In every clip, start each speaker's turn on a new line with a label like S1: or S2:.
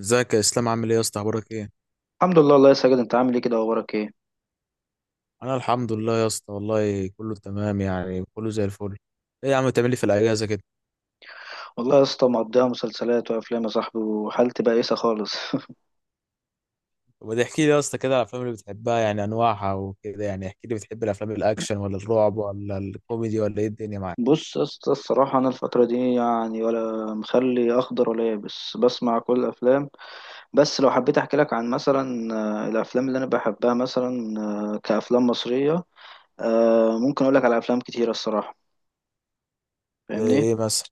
S1: ازيك يا اسلام، عامل ايه يا اسطى؟ اخبارك ايه؟
S2: الحمد لله. الله يا ساجد، انت عامل ايه كده؟ اخبارك ايه؟
S1: انا الحمد لله يا اسطى والله كله تمام، يعني كله زي الفل. ايه يا عم بتعمل لي في الاجازه كده؟
S2: والله يا اسطى مقضيها مسلسلات وافلام يا صاحبي، وحالتي بائسه خالص.
S1: طب احكي لي يا اسطى كده على الافلام اللي بتحبها، يعني انواعها وكده، يعني احكي لي، بتحب الافلام الاكشن ولا الرعب ولا الكوميدي؟ ولا ايه الدنيا معاك؟
S2: بص يا اسطى، الصراحه انا الفتره دي يعني ولا مخلي اخضر ولا يابس، بسمع كل الافلام. بس لو حبيت احكي لك عن مثلا الافلام اللي انا بحبها مثلا، كافلام مصريه، ممكن اقول لك على افلام كتيره الصراحه.
S1: زي
S2: فاهمني؟
S1: ايه مثلا؟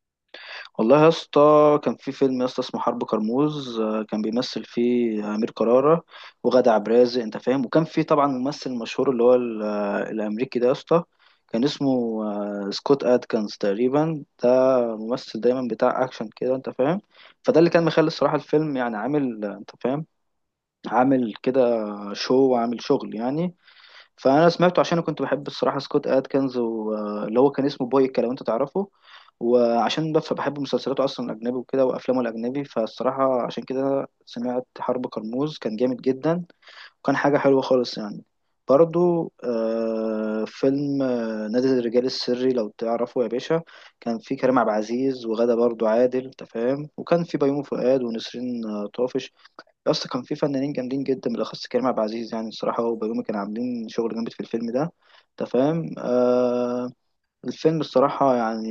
S2: والله يا اسطى، كان في فيلم يا اسطى اسمه حرب كرموز. كان بيمثل فيه أمير كرارة وغادة عبد الرازق، أنت فاهم. وكان في طبعا ممثل مشهور اللي هو الأمريكي ده يا اسطى. كان اسمه سكوت أدكنز تقريبا ده. ممثل دايما بتاع أكشن كده، أنت فاهم. فده اللي كان مخلي الصراحة الفيلم يعني عامل، أنت فاهم، عامل كده، شو وعامل شغل يعني. فانا سمعته عشان كنت بحب الصراحه سكوت ادكنز، واللي هو كان اسمه بويكا لو انت تعرفه. وعشان بحب مسلسلاته اصلا الاجنبي وكده وافلامه الاجنبي، فالصراحه عشان كده سمعت حرب كرموز، كان جامد جدا. وكان حاجه حلوه خالص يعني. برضو فيلم نادي الرجال السري لو تعرفه يا باشا. كان فيه كريم عبد العزيز، وغادة برضو عادل، انت فاهم. وكان فيه بيومي فؤاد ونسرين طافش. يا اسطى كان في فنانين جامدين جدا، بالاخص كريم عبد العزيز، يعني الصراحه هو وبيومي كانوا عاملين شغل جامد في الفيلم ده، انت فاهم. آه، الفيلم الصراحه يعني،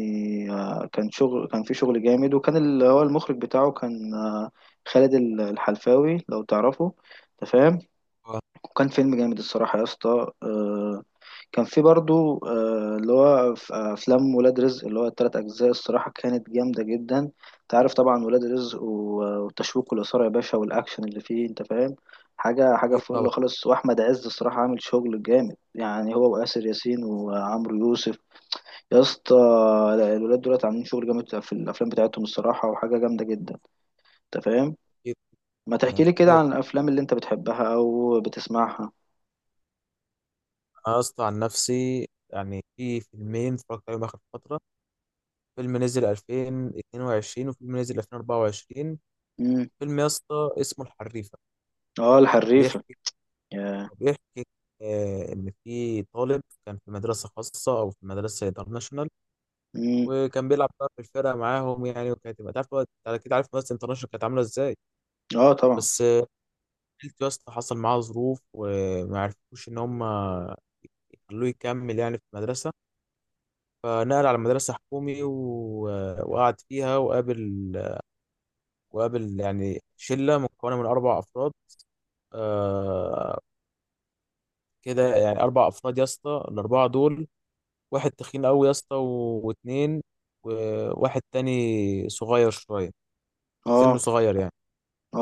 S2: آه، كان شغل، كان في شغل جامد. وكان اللي هو المخرج بتاعه كان، آه، خالد الحلفاوي لو تعرفه، انت فاهم.
S1: اه،
S2: وكان فيلم جامد الصراحه يا اسطى، آه. كان في برضو آه، اللي هو ف- آه، افلام ولاد رزق، اللي هو التلات اجزاء الصراحه، كانت جامده جدا. انت عارف طبعا ولاد رزق، والتشويق والاثاره يا باشا، والاكشن اللي فيه، انت فاهم. حاجه حاجه
S1: اكيد طبعا.
S2: فل خالص. واحمد عز الصراحه عامل شغل جامد، يعني هو واسر ياسين وعمرو يوسف يا اسطى. لا، الولاد دولت عاملين شغل جامد في الافلام بتاعتهم الصراحه، وحاجه جامده جدا، انت فاهم.
S1: اكيد.
S2: ما تحكي
S1: مش
S2: لي كده
S1: محتاج أتكلم.
S2: عن الافلام اللي انت بتحبها او بتسمعها؟
S1: انا يا اسطى عن نفسي يعني في فيلمين اتفرجت عليهم اخر فتره. فيلم نزل 2022 وفيلم نزل 2024.
S2: امم.
S1: فيلم يا اسطى اسمه الحريفه.
S2: اه، الحريفه.
S1: بيحكي
S2: يا.
S1: بيحكي إن في طالب كان في مدرسة خاصة أو في مدرسة انترناشونال،
S2: امم.
S1: وكان بيلعب بقى في الفرقة معاهم يعني، وكانت تبقى تعرف بقى، أنت أكيد عارف مدرسة انترناشونال كانت عاملة إزاي.
S2: اه، طبعا.
S1: بس آه، عيلته يا اسطى حصل معاها ظروف، وما عرفوش إن هم يخلوه يكمل يعني في المدرسة، فنقل على مدرسة حكومي. و... وقعد فيها وقابل يعني شلة مكونة من أربع أفراد. آه كده يعني أربع أفراد يا اسطى، الأربعة دول واحد تخين قوي يا اسطى، واتنين، وواحد تاني صغير شويه، سنه
S2: اه.
S1: صغير يعني.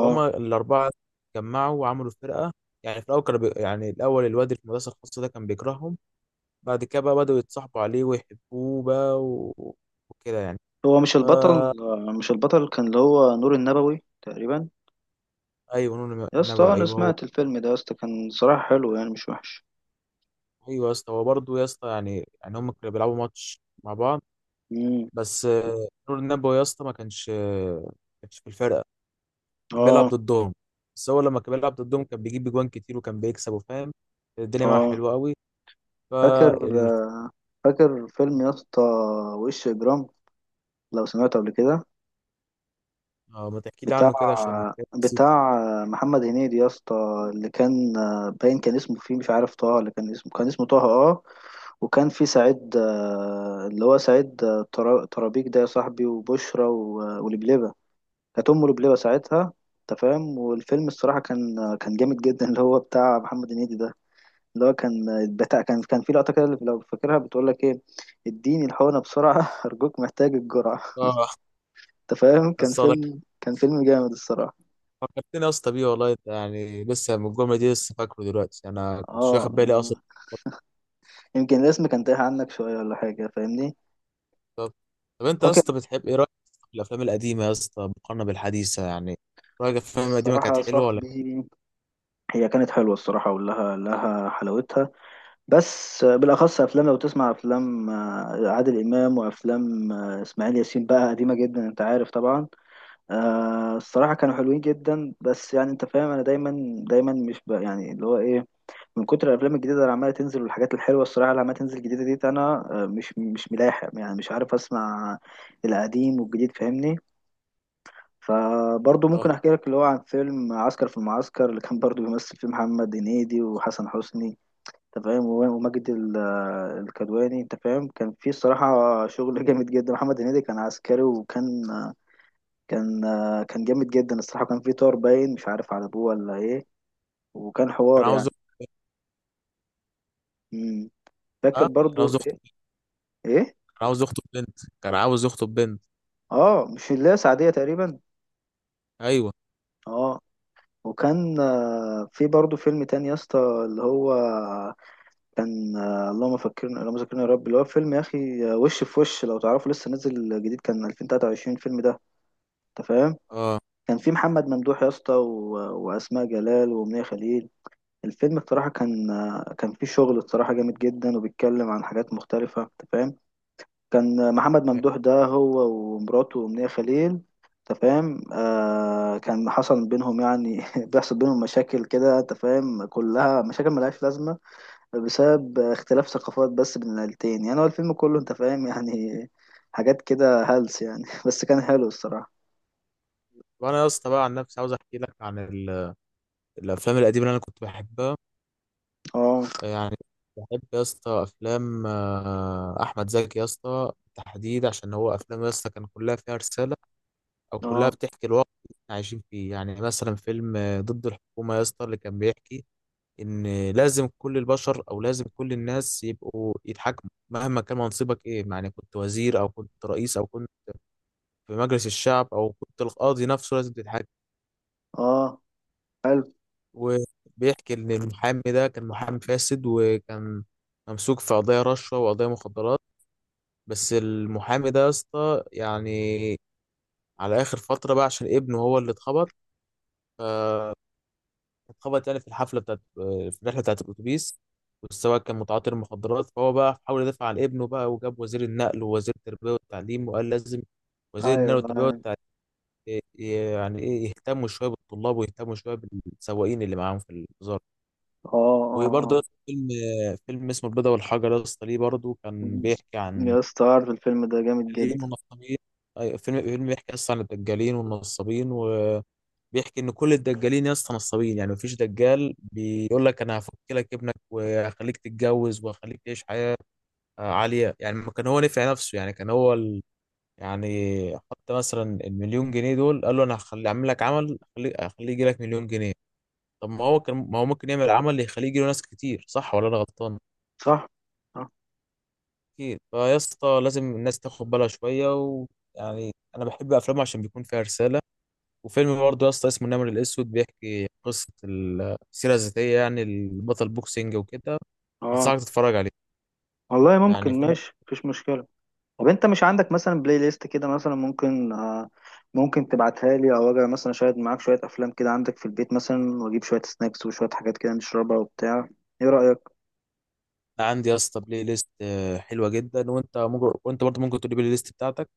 S1: فهم الاربعه اتجمعوا وعملوا فرقه. يعني في الاول يعني الاول الواد اللي في المدرسه الخاصه ده كان بيكرههم، بعد كده بقى بداوا يتصاحبوا عليه ويحبوه بقى، و... وكده يعني.
S2: هو مش البطل؟ مش البطل كان اللي هو نور النبوي تقريبا.
S1: ايوه نون
S2: يا اسطى،
S1: النبي،
S2: انا
S1: ايوه هو.
S2: سمعت الفيلم ده يا اسطى، كان صراحة حلو يعني، مش وحش.
S1: ايوه يا اسطى، هو برضه يا اسطى يعني هم كانوا بيلعبوا ماتش مع بعض.
S2: امم.
S1: بس آه، نور النبوي يا اسطى ما كانش في الفرقه، كان بيلعب
S2: اه.
S1: ضدهم. بس هو لما كان بيلعب ضدهم كان بيجيب اجوان كتير، وكان بيكسب وفاهم الدنيا معاه
S2: اه.
S1: حلوه قوي.
S2: فاكر،
S1: فال
S2: فاكر فيلم يا اسطى، وش اجرام، لو سمعته قبل كده.
S1: اه، ما تحكي لي
S2: بتاع
S1: عنه كده عشان نسيت.
S2: بتاع محمد هنيدي يا اسطى، اللي كان باين كان اسمه فيه، مش عارف طه، اللي كان اسمه، كان اسمه طه، اه. وكان في سعيد، اللي هو سعيد، ترابيك ده يا صاحبي، وبشرى ولبلبة. كانت له بلبة ساعتها، انت فاهم. والفيلم الصراحه كان كان جامد جدا، اللي هو بتاع محمد هنيدي ده. اللي هو كان بتاع، كان، كان في لقطه كده لو فاكرها، بتقول لك ايه؟ اديني الحقنه بسرعه ارجوك محتاج الجرعه.
S1: اه
S2: انت فاهم، كان
S1: بس والله
S2: فيلم، كان فيلم جامد الصراحه.
S1: فكرتني يا اسطى بيه، والله انت يعني لسه من الجمله دي لسه فاكره دلوقتي، انا
S2: اه،
S1: كنتش واخد بالي
S2: آه.
S1: اصلا.
S2: يمكن الاسم كان تايه عنك شويه ولا حاجه، فاهمني.
S1: طب طب انت يا
S2: فاكر.
S1: اسطى بتحب ايه؟ رايك في الافلام القديمه يا اسطى مقارنه بالحديثه يعني؟ رايك الافلام القديمه
S2: الصراحه
S1: كانت
S2: يا
S1: حلوه ولا كانت؟
S2: صاحبي، هي كانت حلوه الصراحه، ولها حلاوتها. بس بالاخص افلام، لو تسمع افلام عادل امام، وافلام اسماعيل ياسين بقى، قديمه جدا، انت عارف طبعا. الصراحه كانوا حلوين جدا، بس يعني انت فاهم. انا دايما مش بقى يعني اللي هو ايه، من كتر الافلام الجديده اللي عماله تنزل، والحاجات الحلوه الصراحه اللي عماله تنزل جديده دي، انا، مش ملاحق يعني، مش عارف اسمع القديم والجديد، فاهمني. فبرضه
S1: اه،
S2: ممكن احكي لك اللي هو عن فيلم عسكر في المعسكر، اللي كان برضه بيمثل فيه محمد هنيدي وحسن حسني، انت فاهم، وماجد الكدواني، انت فاهم. كان في الصراحه شغل جامد جدا. محمد هنيدي كان عسكري، وكان كان كان جامد جدا الصراحه. كان في طار باين مش عارف على ابوه ولا ايه، وكان
S1: كان
S2: حوار
S1: عاوز.
S2: يعني. امم. فاكر
S1: اه، كان
S2: برضو
S1: عاوز يخطب،
S2: ايه؟ ايه.
S1: كان عاوز يخطب بنت، كان عاوز يخطب بنت.
S2: اه، مش اللي هي سعديه تقريبا؟
S1: ايوه،
S2: اه. وكان في برضو فيلم تاني يا اسطى، اللي هو كان، اللهم فكرنا اللهم ذكرنا يا رب، اللي هو فيلم يا اخي، وش في وش، لو تعرفه لسه نازل جديد، كان 2023 الفيلم ده، انت فاهم.
S1: اه.
S2: كان في محمد ممدوح يا اسطى واسماء جلال وامنيه خليل. الفيلم بصراحه كان، كان فيه شغل بصراحه جامد جدا، وبيتكلم عن حاجات مختلفه، انت فاهم. كان محمد ممدوح ده هو ومراته وامنيه خليل، انت فاهم. آه، كان حصل بينهم يعني بيحصل بينهم مشاكل كده، انت فاهم، كلها مشاكل ملهاش لازمه، بسبب اختلاف ثقافات بس بين العيلتين، يعني هو الفيلم كله، انت فاهم، يعني حاجات كده هلس يعني، بس كان حلو الصراحه.
S1: وانا يا اسطى بقى عن نفسي عاوز احكي لك عن الافلام القديمه اللي انا كنت بحبها
S2: اه،
S1: يعني. بحب يا اسطى افلام احمد زكي يا اسطى بالتحديد، عشان هو افلام يا اسطى كان كلها فيها رساله، او كلها
S2: اه،
S1: بتحكي الواقع اللي احنا عايشين فيه. يعني مثلا فيلم ضد الحكومه يا اسطى، اللي كان بيحكي ان لازم كل البشر، او لازم كل الناس يبقوا يتحكموا مهما كان منصبك ايه، يعني كنت وزير او كنت رئيس او كنت في مجلس الشعب او كنت القاضي نفسه، لازم تتحكم.
S2: اه، حلو.
S1: وبيحكي ان المحامي ده كان محامي فاسد، وكان ممسوك في قضايا رشوه وقضايا مخدرات. بس المحامي ده يا اسطى يعني على اخر فتره بقى، عشان ابنه هو اللي اتخبط. آه، اتخبط يعني في الحفله بتاعت في الرحله بتاعت الاتوبيس، والسواق كان متعاطي المخدرات، فهو بقى حاول يدافع عن ابنه بقى، وجاب وزير النقل ووزير التربيه والتعليم، وقال لازم وزير
S2: ايوه،
S1: النقل والتربيه
S2: ايوه،
S1: والتعليم يعني ايه يهتموا شويه بالطلاب ويهتموا شويه بالسواقين اللي معاهم في الوزاره.
S2: اه، اه،
S1: وبرضه يا
S2: اه.
S1: اسطى فيلم اسمه البيضة والحجر يا اسطى، ليه برضه؟ كان بيحكي عن
S2: يا اسطى عارف الفيلم ده جامد
S1: الدجالين
S2: جدا.
S1: والنصابين. أيوة، فيلم بيحكي اصلا عن الدجالين والنصابين، وبيحكي ان كل الدجالين يا اسطى نصابين، يعني مفيش دجال بيقول لك انا هفك لك ابنك وهخليك تتجوز وهخليك تعيش حياة عالية. يعني ما كان هو نفع نفسه، يعني كان هو ال... يعني حط مثلا المليون جنيه دول، قال له انا هخلي اعمل لك عمل هخليه هخليه يجي لك مليون جنيه. طب ما هو ممكن يعمل عمل يخليه يجي له ناس كتير، صح ولا انا غلطان؟
S2: صح، اه،
S1: اكيد. فيا اسطى لازم الناس تاخد بالها شويه، ويعني انا بحب افلامه عشان بيكون فيها رساله. وفيلم برضه يا اسطى اسمه النمر الاسود، بيحكي قصه السيره الذاتيه، يعني البطل بوكسينج وكده.
S2: آه.
S1: انصحك تتفرج عليه.
S2: والله
S1: يعني
S2: ممكن،
S1: فيلم.
S2: ماشي، مفيش مشكلة. طب انت مش عندك مثلا بلاي ليست كده؟ مثلا ممكن تبعتها لي، او اجي مثلا شاهد معاك شوية افلام كده عندك في البيت مثلا، واجيب شوية سناكس وشوية حاجات كده نشربها وبتاع، ايه رأيك؟
S1: عندي يا اسطى بلاي ليست حلوه جدا، وانت ممكن، وانت برضه ممكن تقول لي بلاي ليست بتاعتك.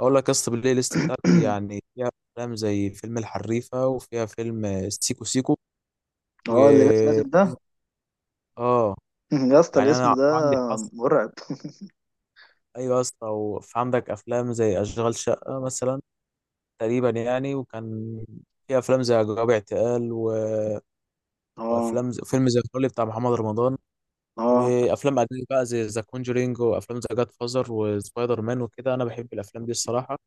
S1: اقول لك يا اسطى البلاي ليست بتاعتي يعني فيها افلام زي فيلم الحريفه، وفيها فيلم سيكو سيكو، و
S2: اه، اللي لسه نازل ده.
S1: اه.
S2: يا اسطى
S1: يعني
S2: الاسم
S1: انا
S2: ده
S1: عندي حظ.
S2: مرعب.
S1: ايوه يا اسطى، وفي عندك افلام زي اشغال شقه مثلا، تقريبا يعني. وكان في افلام زي جواب اعتقال
S2: اه،
S1: وافلام زي فيلم زي الفل بتاع محمد رمضان،
S2: اه.
S1: وافلام اجنبي بقى زي ذا كونجرينج، وافلام زي جاد فازر وسبايدر مان وكده. انا بحب الافلام دي الصراحه.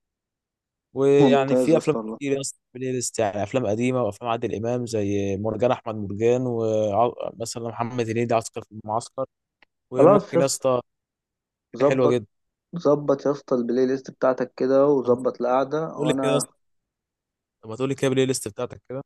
S1: ويعني
S2: ممتاز يا
S1: في افلام
S2: اسطى والله.
S1: كتير يا اسطى في البلاي ليست، يعني افلام قديمه، وافلام عادل امام زي مرجان احمد مرجان، ومثلا محمد هنيدي عسكر في المعسكر.
S2: خلاص يا
S1: وممكن يا
S2: اسطى.
S1: اسطى، حاجه حلوه
S2: ظبط،
S1: جدا.
S2: ظبط يا اسطى البلاي ليست بتاعتك كده،
S1: طب
S2: وظبط القعده،
S1: قول لي كده يا
S2: وانا.
S1: اسطى، طب ما تقول لي كده البلاي ليست بتاعتك كده.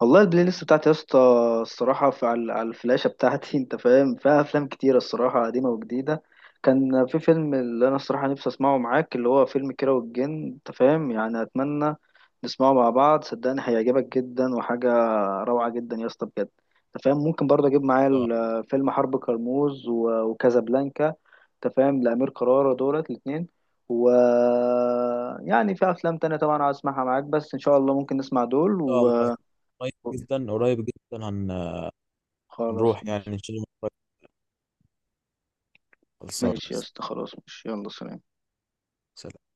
S2: والله البلاي ليست بتاعتي يا اسطى، الصراحة في، على الفلاشة بتاعتي، انت فاهم، فيها أفلام كتيرة الصراحة، قديمة وجديدة. كان في فيلم اللي أنا الصراحة نفسي أسمعه معاك، اللي هو فيلم كيرة والجن، انت فاهم، يعني أتمنى نسمعه مع بعض، صدقني هيعجبك جدا، وحاجة روعة جدا يا اسطى، بجد، انت فاهم. ممكن برضه أجيب معايا فيلم حرب كرموز وكازابلانكا، انت فاهم، لأمير كرارة دولت الاتنين. و يعني في أفلام تانية طبعا عايز أسمعها معاك، بس إن شاء الله ممكن نسمع دول
S1: شاء الله، قريب جدا هن...
S2: خلاص
S1: هنروح يعني
S2: ماشي.
S1: ان شاء الله قريب. خلصان.
S2: ماشي يا اسطى، خلاص، ماشي، يلا سلام
S1: سلام.